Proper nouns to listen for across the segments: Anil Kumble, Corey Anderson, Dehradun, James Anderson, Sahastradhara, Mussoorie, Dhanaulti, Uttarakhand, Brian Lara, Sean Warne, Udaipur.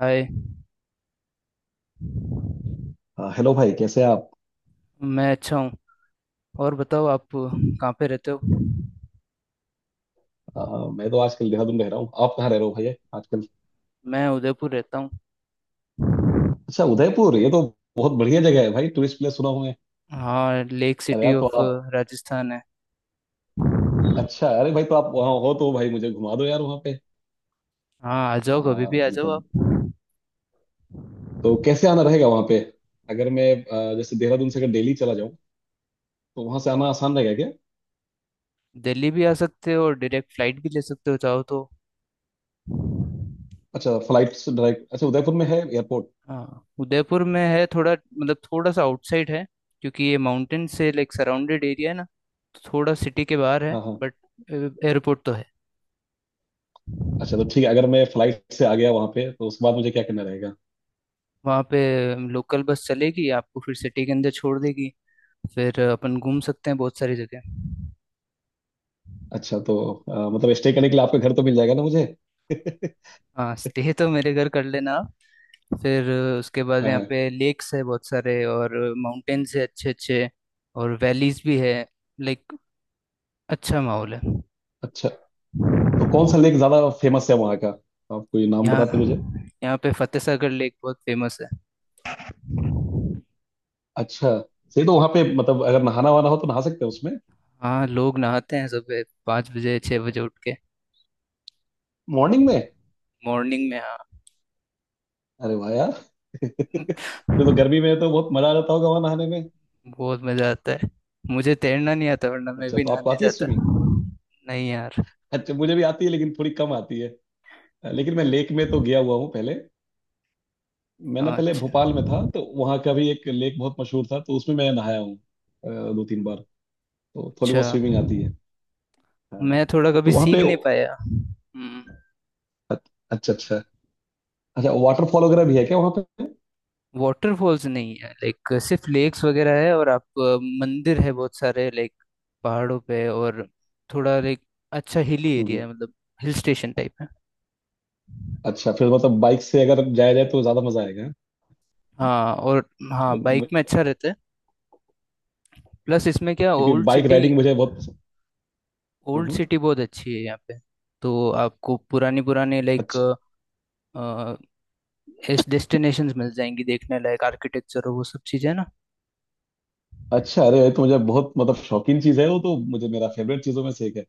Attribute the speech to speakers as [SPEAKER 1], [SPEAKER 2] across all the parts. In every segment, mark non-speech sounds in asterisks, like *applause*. [SPEAKER 1] हाय।
[SPEAKER 2] हाँ, हेलो भाई। कैसे हैं आप।
[SPEAKER 1] मैं अच्छा हूँ। और बताओ आप कहाँ पे रहते हो?
[SPEAKER 2] मैं तो आजकल देहरादून रह रहा हूँ। आप कहाँ रह रहे हो भैया आजकल।
[SPEAKER 1] मैं उदयपुर रहता हूँ।
[SPEAKER 2] अच्छा उदयपुर, ये तो बहुत बढ़िया जगह है भाई। टूरिस्ट प्लेस सुना हूँ मैं।
[SPEAKER 1] हाँ, लेक
[SPEAKER 2] अरे
[SPEAKER 1] सिटी
[SPEAKER 2] यार तो
[SPEAKER 1] ऑफ
[SPEAKER 2] आप।
[SPEAKER 1] राजस्थान है।
[SPEAKER 2] अच्छा। अरे भाई तो आप वहाँ हो तो भाई मुझे घुमा दो यार वहाँ पे।
[SPEAKER 1] हाँ, आ जाओ कभी
[SPEAKER 2] आ,
[SPEAKER 1] भी आ जाओ
[SPEAKER 2] मतलब
[SPEAKER 1] आप।
[SPEAKER 2] तो कैसे आना रहेगा वहाँ पे, अगर मैं जैसे देहरादून से अगर दिल्ली चला जाऊँ तो वहाँ से आना आसान रहेगा क्या।
[SPEAKER 1] दिल्ली भी आ सकते हो और डायरेक्ट फ्लाइट भी ले सकते हो चाहो तो।
[SPEAKER 2] अच्छा, फ्लाइट से डायरेक्ट। अच्छा उदयपुर में है एयरपोर्ट।
[SPEAKER 1] हाँ, उदयपुर में है, थोड़ा मतलब थोड़ा सा आउटसाइड है। क्योंकि ये माउंटेन से लाइक सराउंडेड एरिया है ना, तो थोड़ा सिटी के बाहर है,
[SPEAKER 2] हाँ हाँ।
[SPEAKER 1] बट एयरपोर्ट तो है।
[SPEAKER 2] अच्छा तो ठीक है, अगर मैं फ्लाइट से आ गया वहाँ पे तो उसके बाद मुझे क्या करना रहेगा।
[SPEAKER 1] वहाँ पे लोकल बस चलेगी आपको, फिर सिटी के अंदर छोड़ देगी। फिर अपन घूम सकते हैं बहुत सारी जगह।
[SPEAKER 2] अच्छा तो मतलब स्टे करने के लिए आपका घर तो मिल जाएगा ना मुझे *laughs*
[SPEAKER 1] हाँ, स्टे तो मेरे घर कर लेना आप। फिर उसके बाद
[SPEAKER 2] हाँ
[SPEAKER 1] यहाँ
[SPEAKER 2] हाँ।
[SPEAKER 1] पे लेक्स है बहुत सारे और माउंटेन्स है अच्छे अच्छे। और वैलीज भी है, लाइक अच्छा माहौल है।
[SPEAKER 2] अच्छा तो कौन सा लेक ज्यादा फेमस है वहाँ का, आप कोई नाम
[SPEAKER 1] यहाँ
[SPEAKER 2] बताते मुझे।
[SPEAKER 1] यहाँ पे फतेह सागर लेक बहुत फेमस है।
[SPEAKER 2] अच्छा सही। तो वहाँ पे मतलब अगर नहाना वहाना हो तो नहा सकते हैं उसमें।
[SPEAKER 1] हाँ, लोग नहाते हैं सुबह 5 बजे 6 बजे उठ के।
[SPEAKER 2] मॉर्निंग में।
[SPEAKER 1] मॉर्निंग में, हाँ।
[SPEAKER 2] अरे वाह यार *laughs* फिर तो गर्मी में तो बहुत मजा आ जाता होगा वहाँ नहाने में।
[SPEAKER 1] बहुत मज़ा आता है। मुझे तैरना नहीं आता वरना मैं
[SPEAKER 2] अच्छा,
[SPEAKER 1] भी
[SPEAKER 2] तो आपको
[SPEAKER 1] नहाने
[SPEAKER 2] आती है
[SPEAKER 1] जाता।
[SPEAKER 2] स्विमिंग।
[SPEAKER 1] नहीं यार।
[SPEAKER 2] अच्छा। मुझे भी आती है लेकिन थोड़ी कम आती है। लेकिन मैं लेक में तो गया हुआ हूँ पहले। मैं ना
[SPEAKER 1] हाँ,
[SPEAKER 2] पहले
[SPEAKER 1] अच्छा
[SPEAKER 2] भोपाल में था तो वहाँ का भी एक लेक बहुत मशहूर था तो उसमें मैं नहाया हूँ दो तीन बार। तो थोड़ी
[SPEAKER 1] अच्छा।
[SPEAKER 2] बहुत स्विमिंग आती है। हाँ
[SPEAKER 1] मैं थोड़ा कभी
[SPEAKER 2] तो वहाँ
[SPEAKER 1] सीख
[SPEAKER 2] पे।
[SPEAKER 1] नहीं पाया। हम्म।
[SPEAKER 2] अच्छा अच्छा। अच्छा वाटरफॉल वगैरह भी है क्या वहाँ पे।
[SPEAKER 1] वाटरफॉल्स नहीं है, लाइक सिर्फ लेक्स वगैरह है। और आप मंदिर है बहुत सारे लाइक पहाड़ों पे। और थोड़ा लाइक अच्छा हिली
[SPEAKER 2] हम्म,
[SPEAKER 1] एरिया है मतलब। हिल स्टेशन टाइप है।
[SPEAKER 2] अच्छा। फिर मतलब बाइक से अगर जाया जाए तो ज्यादा मजा आएगा।
[SPEAKER 1] हाँ, और हाँ, बाइक में
[SPEAKER 2] क्योंकि
[SPEAKER 1] अच्छा रहता है। प्लस इसमें क्या,
[SPEAKER 2] क्योंकि
[SPEAKER 1] ओल्ड
[SPEAKER 2] बाइक
[SPEAKER 1] सिटी,
[SPEAKER 2] राइडिंग मुझे बहुत पसंद।
[SPEAKER 1] Old
[SPEAKER 2] hmm.
[SPEAKER 1] सिटी बहुत अच्छी है यहाँ पे। तो आपको पुरानी पुरानी लाइक
[SPEAKER 2] अच्छा
[SPEAKER 1] इस डेस्टिनेशंस मिल जाएंगी, देखने लायक आर्किटेक्चर और वो सब चीज़ें ना।
[SPEAKER 2] अच्छा। अरे ये तो मुझे बहुत मतलब शौकीन चीज है। वो तो मुझे मेरा फेवरेट चीजों में से एक है।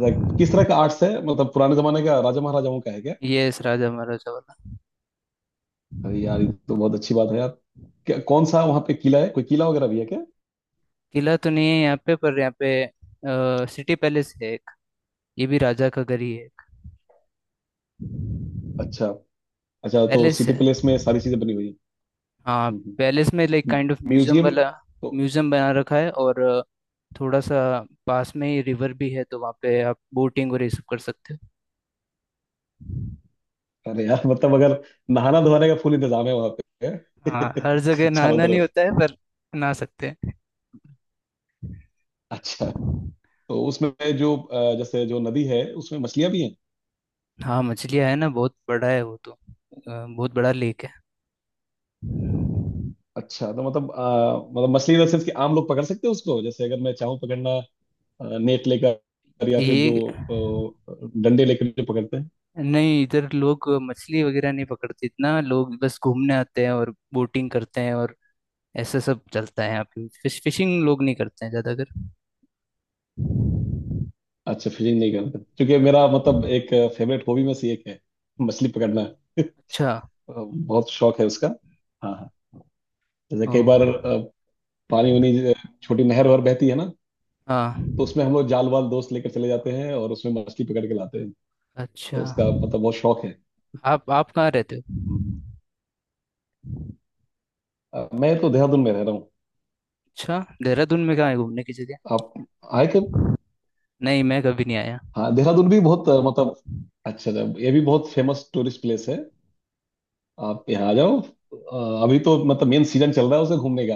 [SPEAKER 2] लाइक किस तरह का आर्ट्स है, मतलब पुराने जमाने का राजा महाराजाओं का है क्या।
[SPEAKER 1] यस, राजा महाराजा वाला।
[SPEAKER 2] अरे यार ये तो बहुत अच्छी बात है यार। क्या कौन सा वहाँ पे किला है, कोई किला वगैरह भी है क्या।
[SPEAKER 1] किला तो नहीं है यहाँ पे, पर यहाँ पे सिटी पैलेस है एक, ये भी राजा का घर ही है।
[SPEAKER 2] अच्छा। अच्छा तो
[SPEAKER 1] पैलेस
[SPEAKER 2] सिटी
[SPEAKER 1] है,
[SPEAKER 2] पैलेस में सारी चीजें बनी हुई
[SPEAKER 1] हाँ।
[SPEAKER 2] है।
[SPEAKER 1] पैलेस में like kind of museum
[SPEAKER 2] museum
[SPEAKER 1] वाला
[SPEAKER 2] तो।
[SPEAKER 1] म्यूजियम बना रखा है। और थोड़ा सा पास में ही रिवर भी है, तो वहाँ पे आप बोटिंग और ये सब कर सकते हो।
[SPEAKER 2] अरे यार मतलब अगर नहाना धोने का फुल इंतजाम है वहाँ
[SPEAKER 1] हाँ, हर
[SPEAKER 2] पे *laughs*
[SPEAKER 1] जगह
[SPEAKER 2] चारों
[SPEAKER 1] नहाना नहीं
[SPEAKER 2] तरफ।
[SPEAKER 1] होता है पर नहा सकते हैं।
[SPEAKER 2] अच्छा तो उसमें जो जैसे जो नदी है उसमें मछलियां भी हैं।
[SPEAKER 1] हाँ, मछलियाँ है ना, बहुत बड़ा है वो तो बहुत बड़ा लेक है।
[SPEAKER 2] अच्छा तो मतलब मतलब मछली इन सेंस कि आम लोग पकड़ सकते हैं उसको, जैसे अगर मैं चाहूँ पकड़ना नेट लेकर या फिर जो
[SPEAKER 1] ये
[SPEAKER 2] डंडे लेकर जो पकड़ते हैं।
[SPEAKER 1] नहीं, इधर लोग मछली वगैरह नहीं पकड़ते इतना, लोग बस घूमने आते हैं और बोटिंग करते हैं और ऐसा सब चलता है यहाँ पे। फिशिंग लोग नहीं करते हैं ज्यादातर।
[SPEAKER 2] अच्छा फिशिंग नहीं करते क्योंकि मेरा मतलब एक फेवरेट हॉबी में से एक है मछली पकड़ना *laughs*
[SPEAKER 1] अच्छा।
[SPEAKER 2] बहुत शौक है उसका। हाँ हाँ। जैसे
[SPEAKER 1] ओ,
[SPEAKER 2] कई बार पानी वानी छोटी नहर वहर बहती है ना,
[SPEAKER 1] हाँ,
[SPEAKER 2] तो उसमें हम लोग जाल वाल दोस्त लेकर चले जाते हैं और उसमें मछली पकड़ के लाते हैं। तो
[SPEAKER 1] अच्छा।
[SPEAKER 2] उसका मतलब बहुत शौक
[SPEAKER 1] आप कहाँ रहते हो?
[SPEAKER 2] है। मैं तो देहरादून में रह रहा हूँ।
[SPEAKER 1] अच्छा, देहरादून में कहाँ है घूमने की जगह?
[SPEAKER 2] आप आए कब।
[SPEAKER 1] नहीं, मैं कभी नहीं आया।
[SPEAKER 2] हाँ देहरादून भी बहुत मतलब अच्छा जब ये भी बहुत फेमस टूरिस्ट प्लेस है। आप यहाँ आ जाओ। अभी तो मतलब मेन सीजन चल रहा है उसे घूमने का।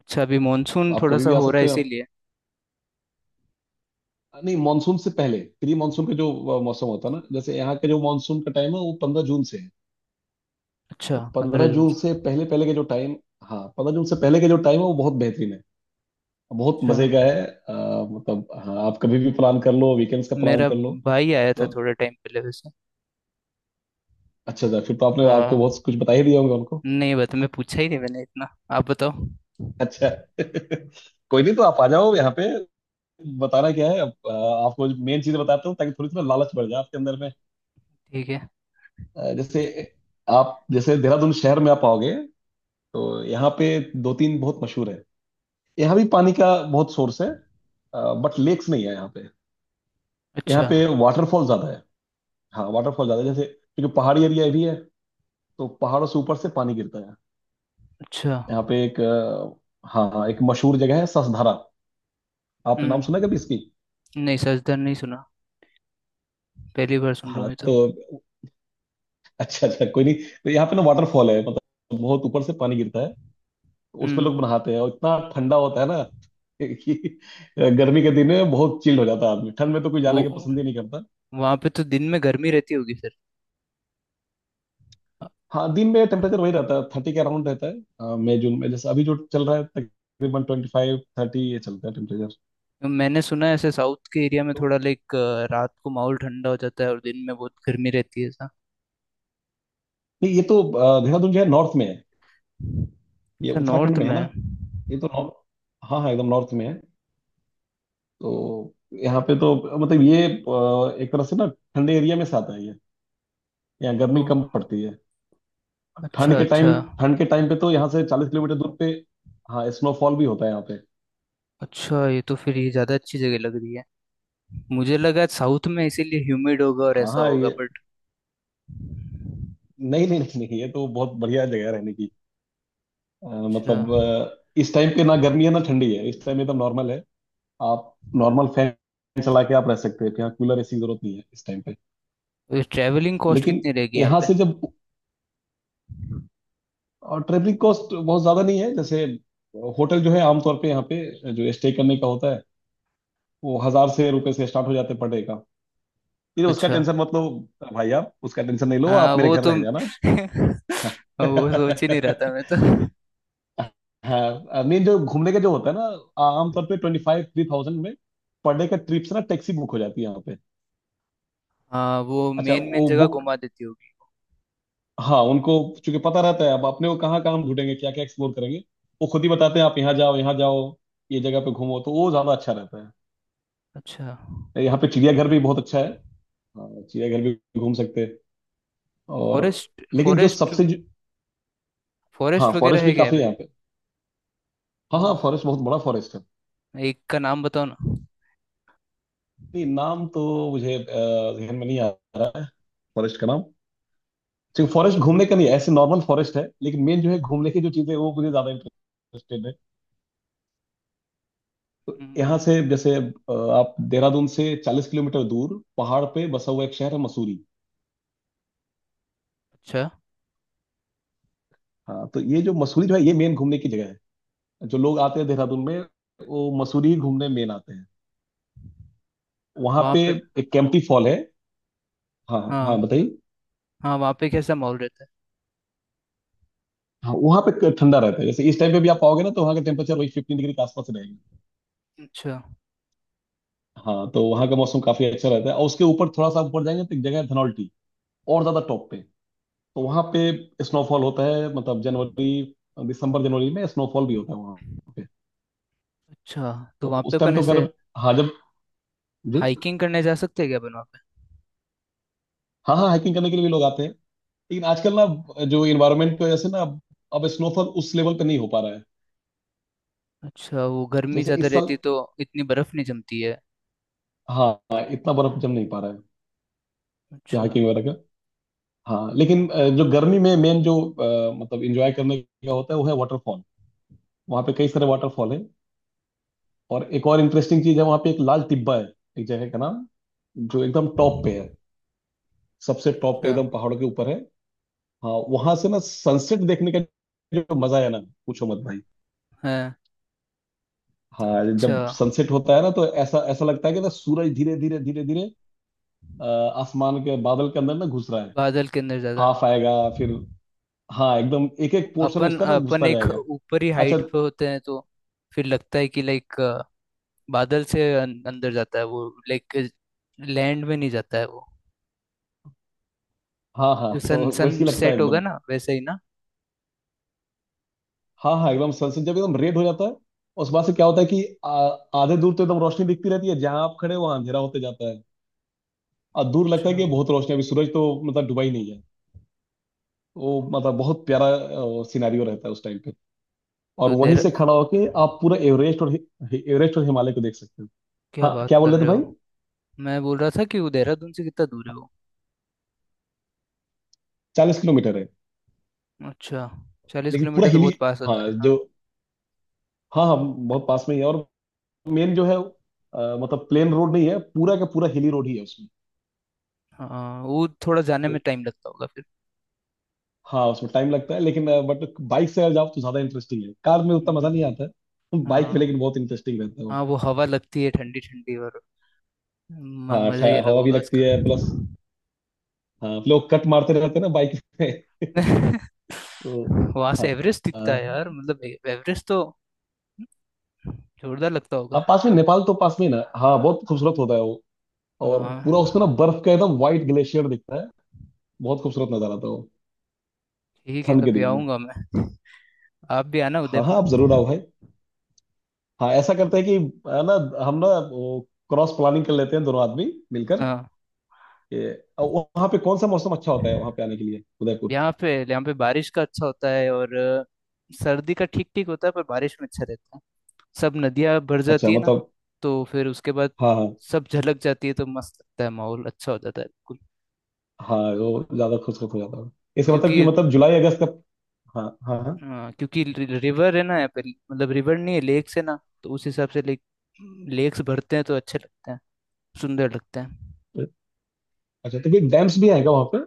[SPEAKER 1] अच्छा, अभी मानसून
[SPEAKER 2] आप
[SPEAKER 1] थोड़ा
[SPEAKER 2] कभी
[SPEAKER 1] सा
[SPEAKER 2] भी आ
[SPEAKER 1] हो रहा है
[SPEAKER 2] सकते हो आप।
[SPEAKER 1] इसीलिए।
[SPEAKER 2] नहीं मॉनसून से पहले, प्री मॉनसून का जो मौसम होता है ना, जैसे यहाँ के जो मॉनसून का टाइम है वो 15 जून से है।
[SPEAKER 1] अच्छा,
[SPEAKER 2] तो
[SPEAKER 1] पंद्रह
[SPEAKER 2] पंद्रह
[SPEAKER 1] जून
[SPEAKER 2] जून
[SPEAKER 1] से।
[SPEAKER 2] से पहले पहले के जो टाइम। हाँ, 15 जून से पहले के जो टाइम है वो बहुत बेहतरीन है। बहुत
[SPEAKER 1] अच्छा,
[SPEAKER 2] मजे का है मतलब। हाँ आप कभी भी प्लान कर लो, वीकेंड्स का प्लान
[SPEAKER 1] मेरा
[SPEAKER 2] कर लो।
[SPEAKER 1] भाई आया था थोड़े टाइम पहले वैसे।
[SPEAKER 2] अच्छा अच्छा। फिर तो आपने आपको
[SPEAKER 1] हाँ।
[SPEAKER 2] बहुत कुछ बता ही दिया होगा उनको।
[SPEAKER 1] नहीं बता, मैं पूछा ही नहीं मैंने इतना। आप बताओ।
[SPEAKER 2] अच्छा *laughs* कोई नहीं तो आप आ जाओ यहाँ पे। बताना क्या है अब, आपको मेन चीज बताता हूँ ताकि थोड़ी थोड़ा लालच बढ़ जाए आपके अंदर में।
[SPEAKER 1] ठीक है।
[SPEAKER 2] जैसे आप जैसे देहरादून शहर में आप आओगे तो यहाँ पे दो तीन बहुत मशहूर है। यहाँ भी पानी का बहुत सोर्स है, बट लेक्स नहीं है यहाँ पे। यहाँ
[SPEAKER 1] अच्छा
[SPEAKER 2] पे वाटरफॉल ज्यादा है। हाँ वाटरफॉल ज्यादा है जैसे, क्योंकि पहाड़ी एरिया भी है, तो पहाड़ों से ऊपर से पानी गिरता है।
[SPEAKER 1] अच्छा।
[SPEAKER 2] यहाँ पे एक हाँ हाँ एक मशहूर जगह है ससधारा। आपने नाम सुना है कभी
[SPEAKER 1] हम्म।
[SPEAKER 2] इसकी।
[SPEAKER 1] नहीं, सजदर नहीं सुना, पहली बार सुन रहा
[SPEAKER 2] हाँ
[SPEAKER 1] हूँ ये तो।
[SPEAKER 2] तो। अच्छा अच्छा कोई नहीं। तो यहाँ पे ना वाटरफॉल है मतलब बहुत ऊपर से पानी गिरता है। तो उसमें
[SPEAKER 1] हम्म
[SPEAKER 2] लोग नहाते हैं और इतना ठंडा होता है ना कि *laughs* गर्मी के दिन में बहुत चिल्ड हो जाता है आदमी। ठंड में तो कोई जाने के
[SPEAKER 1] वो
[SPEAKER 2] पसंद ही नहीं करता।
[SPEAKER 1] वहाँ पे तो दिन में गर्मी रहती होगी फिर। अ,
[SPEAKER 2] हाँ दिन में टेम्परेचर वही रहता है, 30 के अराउंड रहता है। हाँ, मई जून में जैसे अभी जो चल रहा है तकरीबन 25-30 ये चलता है टेम्परेचर।
[SPEAKER 1] मैंने सुना है ऐसे साउथ के एरिया में
[SPEAKER 2] तो
[SPEAKER 1] थोड़ा लाइक रात को माहौल ठंडा हो जाता है और दिन में बहुत गर्मी रहती है ऐसा।
[SPEAKER 2] नहीं ये तो देहरादून जो है नॉर्थ में है। ये
[SPEAKER 1] अच्छा,
[SPEAKER 2] उत्तराखंड
[SPEAKER 1] नॉर्थ
[SPEAKER 2] में है
[SPEAKER 1] में।
[SPEAKER 2] ना। ये तो नॉर्थ। हाँ हाँ एकदम नॉर्थ में है। तो यहाँ पे तो मतलब ये एक तरह से ना ठंडे एरिया में से आता है। यहाँ
[SPEAKER 1] ओ,
[SPEAKER 2] गर्मी कम पड़ती है। ठंड
[SPEAKER 1] अच्छा
[SPEAKER 2] के
[SPEAKER 1] अच्छा।
[SPEAKER 2] टाइम ठंड के टाइम पे तो यहाँ से 40 किलोमीटर दूर पे हाँ स्नोफॉल भी होता है यहाँ पे।
[SPEAKER 1] अच्छा, ये तो फिर ये ज़्यादा अच्छी जगह लग रही है। मुझे लगा साउथ में इसीलिए ह्यूमिड होगा और
[SPEAKER 2] हाँ
[SPEAKER 1] ऐसा
[SPEAKER 2] हाँ
[SPEAKER 1] होगा,
[SPEAKER 2] ये।
[SPEAKER 1] बट
[SPEAKER 2] नहीं नहीं नहीं नहीं, ये तो बहुत बढ़िया जगह है रहने की। अ,
[SPEAKER 1] अच्छा।
[SPEAKER 2] मतलब इस टाइम पे ना गर्मी है ना ठंडी है, इस टाइम एकदम नॉर्मल है। आप नॉर्मल फैन चला के आप रह सकते हैं यहाँ, कूलर ऐसी जरूरत नहीं है इस टाइम पे।
[SPEAKER 1] ट्रैवलिंग कॉस्ट
[SPEAKER 2] लेकिन
[SPEAKER 1] कितनी रहेगी यहाँ
[SPEAKER 2] यहाँ
[SPEAKER 1] पे?
[SPEAKER 2] से जब, और ट्रेवलिंग कॉस्ट बहुत ज्यादा नहीं है, जैसे होटल जो है आमतौर पे यहाँ पे जो स्टे करने का होता है वो 1000 से रुपए से स्टार्ट हो जाते हैं पर डे का। फिर उसका
[SPEAKER 1] अच्छा।
[SPEAKER 2] टेंशन मत लो भाई, आप उसका टेंशन नहीं लो,
[SPEAKER 1] हाँ,
[SPEAKER 2] आप मेरे
[SPEAKER 1] वो
[SPEAKER 2] घर
[SPEAKER 1] तो
[SPEAKER 2] रह जाना
[SPEAKER 1] *laughs* वो सोच ही नहीं रहा था मैं तो।
[SPEAKER 2] *laughs* हाँ मेन जो घूमने का जो होता है ना आमतौर पे ट्वेंटी फाइव थ्री थाउजेंड में पर डे का ट्रिप से ना टैक्सी बुक हो जाती है यहाँ पे।
[SPEAKER 1] हाँ, वो
[SPEAKER 2] अच्छा
[SPEAKER 1] मेन मेन
[SPEAKER 2] वो
[SPEAKER 1] जगह
[SPEAKER 2] बुक।
[SPEAKER 1] घुमा देती होगी।
[SPEAKER 2] हाँ उनको चूंकि पता रहता है अब अपने को कहाँ कहाँ हम ढूंढेंगे क्या क्या एक्सप्लोर करेंगे। वो खुद ही बताते हैं आप यहाँ जाओ यहाँ जाओ, ये जगह पे घूमो, तो वो ज्यादा अच्छा रहता
[SPEAKER 1] अच्छा।
[SPEAKER 2] है। यहाँ पे चिड़ियाघर भी बहुत अच्छा है। हाँ, चिड़ियाघर भी घूम सकते हैं। और
[SPEAKER 1] फॉरेस्ट
[SPEAKER 2] लेकिन जो
[SPEAKER 1] फॉरेस्ट,
[SPEAKER 2] सबसे जो, हाँ
[SPEAKER 1] फॉरेस्ट वगैरह
[SPEAKER 2] फॉरेस्ट भी
[SPEAKER 1] है क्या यहाँ
[SPEAKER 2] काफी
[SPEAKER 1] पे?
[SPEAKER 2] है। हाँ हाँ,
[SPEAKER 1] हाँ,
[SPEAKER 2] फॉरेस्ट बहुत बड़ा फॉरेस्ट है।
[SPEAKER 1] एक का नाम बताओ ना।
[SPEAKER 2] नहीं नाम तो मुझे जहन में नहीं आ रहा है फॉरेस्ट का नाम। सिर्फ फॉरेस्ट
[SPEAKER 1] अच्छा।
[SPEAKER 2] घूमने का नहीं है, ऐसे नॉर्मल फॉरेस्ट है, लेकिन मेन जो है घूमने की जो चीजें हैं, वो मुझे ज्यादा इंटरेस्टेड है। यहाँ
[SPEAKER 1] हम्म।
[SPEAKER 2] से जैसे आप देहरादून से 40 किलोमीटर दूर पहाड़ पे बसा हुआ एक शहर है मसूरी।
[SPEAKER 1] अच्छा।
[SPEAKER 2] हाँ तो ये जो मसूरी जो है ये मेन घूमने की जगह है। जो लोग आते हैं देहरादून में वो मसूरी ही घूमने मेन आते हैं। वहाँ
[SPEAKER 1] वहाँ
[SPEAKER 2] पे
[SPEAKER 1] पे
[SPEAKER 2] एक कैंपटी फॉल है। हाँ हाँ
[SPEAKER 1] हाँ
[SPEAKER 2] बताइए।
[SPEAKER 1] हाँ, वहाँ पे कैसा माहौल रहता
[SPEAKER 2] हाँ वहाँ पे ठंडा रहता है, जैसे इस टाइम पे भी आप आओगे ना तो वहाँ का टेम्परेचर वही 15 डिग्री के आसपास रहेगा।
[SPEAKER 1] है? अच्छा
[SPEAKER 2] हाँ तो वहाँ का मौसम काफी अच्छा रहता है, और उसके ऊपर थोड़ा सा ऊपर जाएंगे तो एक जगह है धनौल्टी। और ज्यादा टॉप पे। तो वहाँ पे स्नोफॉल होता है मतलब जनवरी दिसंबर जनवरी में स्नोफॉल भी होता है वहाँ पे।
[SPEAKER 1] अच्छा। तो
[SPEAKER 2] तो
[SPEAKER 1] वहाँ पे
[SPEAKER 2] उस टाइम
[SPEAKER 1] अपन
[SPEAKER 2] तो खैर।
[SPEAKER 1] ऐसे
[SPEAKER 2] हाँ जब जी।
[SPEAKER 1] हाइकिंग करने जा सकते हैं क्या अपन, वहाँ पे?
[SPEAKER 2] हाँ हाँ हाइकिंग करने के लिए भी लोग आते हैं। लेकिन आजकल ना, जो इन्वायरमेंट की वजह से ना अब स्नोफॉल उस लेवल पे नहीं हो पा रहा है।
[SPEAKER 1] अच्छा, वो गर्मी
[SPEAKER 2] जैसे
[SPEAKER 1] ज़्यादा
[SPEAKER 2] इस साल
[SPEAKER 1] रहती तो इतनी बर्फ़ नहीं जमती है?
[SPEAKER 2] हाँ हाँ, इतना बर्फ जम नहीं पा रहा है कि
[SPEAKER 1] अच्छा।
[SPEAKER 2] हाइकिंग वगैरह का। हाँ लेकिन जो गर्मी में मेन जो मतलब इंजॉय करने का होता है वो है वाटरफॉल। वहाँ पे कई सारे वाटरफॉल है। और एक और इंटरेस्टिंग चीज है, वहां पे एक लाल टिब्बा है, एक जगह का नाम, जो एकदम टॉप पे है, सबसे टॉप पे
[SPEAKER 1] अच्छा
[SPEAKER 2] एकदम पहाड़ों के ऊपर है। हाँ वहां से ना सनसेट देखने का जो मजा है ना, पूछो मत भाई।
[SPEAKER 1] है तो।
[SPEAKER 2] हाँ
[SPEAKER 1] अच्छा,
[SPEAKER 2] जब सनसेट होता है ना, तो ऐसा ऐसा लगता है कि ना सूरज धीरे धीरे धीरे धीरे अ, आसमान के बादल के अंदर ना घुस रहा है।
[SPEAKER 1] बादल के अंदर ज्यादा,
[SPEAKER 2] हाफ
[SPEAKER 1] हाँ।
[SPEAKER 2] आएगा फिर। हाँ एकदम एक एक पोर्शन
[SPEAKER 1] अपन
[SPEAKER 2] उसका ना
[SPEAKER 1] अपन
[SPEAKER 2] घुसता
[SPEAKER 1] एक
[SPEAKER 2] जाएगा।
[SPEAKER 1] ऊपरी
[SPEAKER 2] अच्छा
[SPEAKER 1] हाइट पे होते हैं तो फिर लगता है कि लाइक बादल से अंदर जाता है वो, लाइक लैंड में नहीं जाता है वो।
[SPEAKER 2] हाँ हाँ *laughs* तो
[SPEAKER 1] सन सन
[SPEAKER 2] वैसे ही लगता है
[SPEAKER 1] सेट होगा
[SPEAKER 2] एकदम।
[SPEAKER 1] ना वैसे ही ना।
[SPEAKER 2] हाँ हाँ, एकदम सनसेट जब एकदम रेड हो जाता है। उस बात से क्या होता है कि आधे दूर तो एकदम रोशनी दिखती रहती है, जहां आप खड़े हो वहां अंधेरा होते जाता है। और दूर लगता
[SPEAKER 1] अच्छा
[SPEAKER 2] है कि बहुत रोशनी है, अभी सूरज तो मतलब डूबा ही नहीं है। वो मतलब बहुत प्यारा सिनेरियो रहता है उस टाइम पे। और
[SPEAKER 1] तो
[SPEAKER 2] वहीं
[SPEAKER 1] देर।
[SPEAKER 2] से खड़ा होके आप पूरा एवरेस्ट और हि- हि- एवरेस्ट और हिमालय को देख सकते हो।
[SPEAKER 1] क्या
[SPEAKER 2] हाँ
[SPEAKER 1] बात
[SPEAKER 2] क्या बोल
[SPEAKER 1] कर
[SPEAKER 2] रहे थे
[SPEAKER 1] रहे
[SPEAKER 2] भाई।
[SPEAKER 1] हो? मैं बोल रहा था कि वो देहरादून से कितना दूर है वो।
[SPEAKER 2] 40 किलोमीटर है।
[SPEAKER 1] अच्छा। चालीस
[SPEAKER 2] लेकिन पूरा
[SPEAKER 1] किलोमीटर तो
[SPEAKER 2] हिली
[SPEAKER 1] बहुत पास होता
[SPEAKER 2] हाँ
[SPEAKER 1] है हाँ।
[SPEAKER 2] जो। हाँ हाँ बहुत पास में ही है, और मेन जो है मतलब प्लेन रोड नहीं है पूरा का पूरा हिली रोड ही है उसमें।
[SPEAKER 1] हाँ, वो थोड़ा जाने
[SPEAKER 2] तो
[SPEAKER 1] में टाइम लगता होगा फिर।
[SPEAKER 2] हाँ उसमें टाइम लगता है, लेकिन बट बाइक से अगर जाओ तो ज्यादा इंटरेस्टिंग है। कार में उतना मजा
[SPEAKER 1] हम्म,
[SPEAKER 2] नहीं आता है, बाइक में
[SPEAKER 1] हाँ
[SPEAKER 2] लेकिन बहुत इंटरेस्टिंग रहता है वो।
[SPEAKER 1] हाँ। वो हवा लगती है ठंडी ठंडी, और
[SPEAKER 2] हाँ
[SPEAKER 1] मजा ही अलग
[SPEAKER 2] हवा भी
[SPEAKER 1] होगा
[SPEAKER 2] लगती
[SPEAKER 1] उसका।
[SPEAKER 2] है प्लस। हाँ लोग कट मारते रहते हैं ना बाइक में।
[SPEAKER 1] *laughs*
[SPEAKER 2] तो
[SPEAKER 1] वहां
[SPEAKER 2] हाँ
[SPEAKER 1] से एवरेस्ट दिखता है
[SPEAKER 2] हाँ
[SPEAKER 1] यार, मतलब एवरेस्ट तो जोरदार लगता
[SPEAKER 2] हाँ,
[SPEAKER 1] होगा।
[SPEAKER 2] पास में नेपाल तो पास में ही ना। हाँ बहुत खूबसूरत होता है वो। और
[SPEAKER 1] हाँ,
[SPEAKER 2] पूरा उसमें ना बर्फ का एकदम व्हाइट ग्लेशियर दिखता है। बहुत खूबसूरत नजारा था वो
[SPEAKER 1] ठीक है,
[SPEAKER 2] ठंड के
[SPEAKER 1] कभी
[SPEAKER 2] दिनों में।
[SPEAKER 1] आऊंगा मैं। आप भी आना
[SPEAKER 2] हाँ हाँ
[SPEAKER 1] उदयपुर।
[SPEAKER 2] आप जरूर आओ भाई। हाँ ऐसा करते हैं कि, है ना, हम ना वो क्रॉस प्लानिंग कर लेते हैं दोनों आदमी मिलकर।
[SPEAKER 1] हाँ,
[SPEAKER 2] ये वहाँ पे कौन सा मौसम अच्छा होता है वहाँ पे आने के लिए उदयपुर।
[SPEAKER 1] यहाँ पे बारिश का अच्छा होता है और सर्दी का ठीक ठीक होता है, पर बारिश में अच्छा रहता है। सब नदियाँ भर
[SPEAKER 2] अच्छा
[SPEAKER 1] जाती है ना,
[SPEAKER 2] मतलब।
[SPEAKER 1] तो फिर उसके बाद
[SPEAKER 2] हाँ हाँ
[SPEAKER 1] सब झलक जाती है तो मस्त लगता है, माहौल अच्छा हो जाता है बिल्कुल।
[SPEAKER 2] हाँ। वो ज्यादा खुशखुश हो जाता है, इसका मतलब कि
[SPEAKER 1] क्योंकि
[SPEAKER 2] मतलब जुलाई अगस्त का। हाँ हाँ हाँ।
[SPEAKER 1] हाँ, क्योंकि रिवर है ना यहाँ पे, मतलब रिवर नहीं है लेक्स है ना, तो उस हिसाब से लेक्स भरते हैं तो अच्छे लगते हैं, सुंदर लगते हैं।
[SPEAKER 2] अच्छा तो कोई डैम्स भी आएगा वहाँ पे,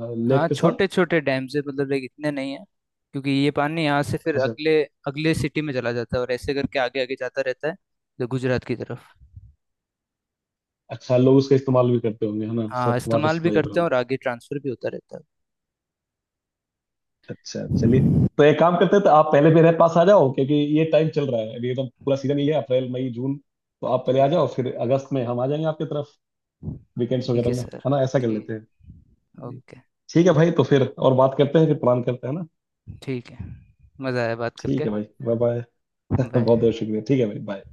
[SPEAKER 2] हाँ, लेक
[SPEAKER 1] हाँ,
[SPEAKER 2] के साथ।
[SPEAKER 1] छोटे छोटे डैम से मतलब लाइक, इतने नहीं है। क्योंकि ये पानी यहाँ से फिर
[SPEAKER 2] अच्छा
[SPEAKER 1] अगले अगले सिटी में चला जाता है और ऐसे करके आगे आगे जाता रहता है, तो गुजरात की तरफ।
[SPEAKER 2] अच्छा। लोग उसका इस्तेमाल भी करते होंगे है ना
[SPEAKER 1] हाँ,
[SPEAKER 2] सब वाटर
[SPEAKER 1] इस्तेमाल भी
[SPEAKER 2] सप्लाई वगैरह
[SPEAKER 1] करते हैं
[SPEAKER 2] में।
[SPEAKER 1] और आगे ट्रांसफर भी होता रहता है।
[SPEAKER 2] अच्छा चलिए तो एक काम करते हैं, तो आप पहले मेरे पास आ जाओ क्योंकि ये टाइम चल रहा है अभी एकदम पूरा सीजन ही है, अप्रैल मई जून। तो आप पहले आ
[SPEAKER 1] ठीक है।
[SPEAKER 2] जाओ, फिर अगस्त में हम आ जाएंगे आपकी तरफ। वीकेंड्स
[SPEAKER 1] ठीक
[SPEAKER 2] वगैरह
[SPEAKER 1] है
[SPEAKER 2] में
[SPEAKER 1] सर।
[SPEAKER 2] है ना, ऐसा कर लेते हैं
[SPEAKER 1] ठीक।
[SPEAKER 2] जी।
[SPEAKER 1] ओके।
[SPEAKER 2] ठीक है भाई, तो फिर और बात करते हैं, फिर प्लान करते हैं ना।
[SPEAKER 1] ठीक है, मज़ा आया बात
[SPEAKER 2] ठीक
[SPEAKER 1] करके।
[SPEAKER 2] है भाई बाय बाय *laughs* बहुत बहुत
[SPEAKER 1] बाय।
[SPEAKER 2] शुक्रिया, ठीक है भाई बाय।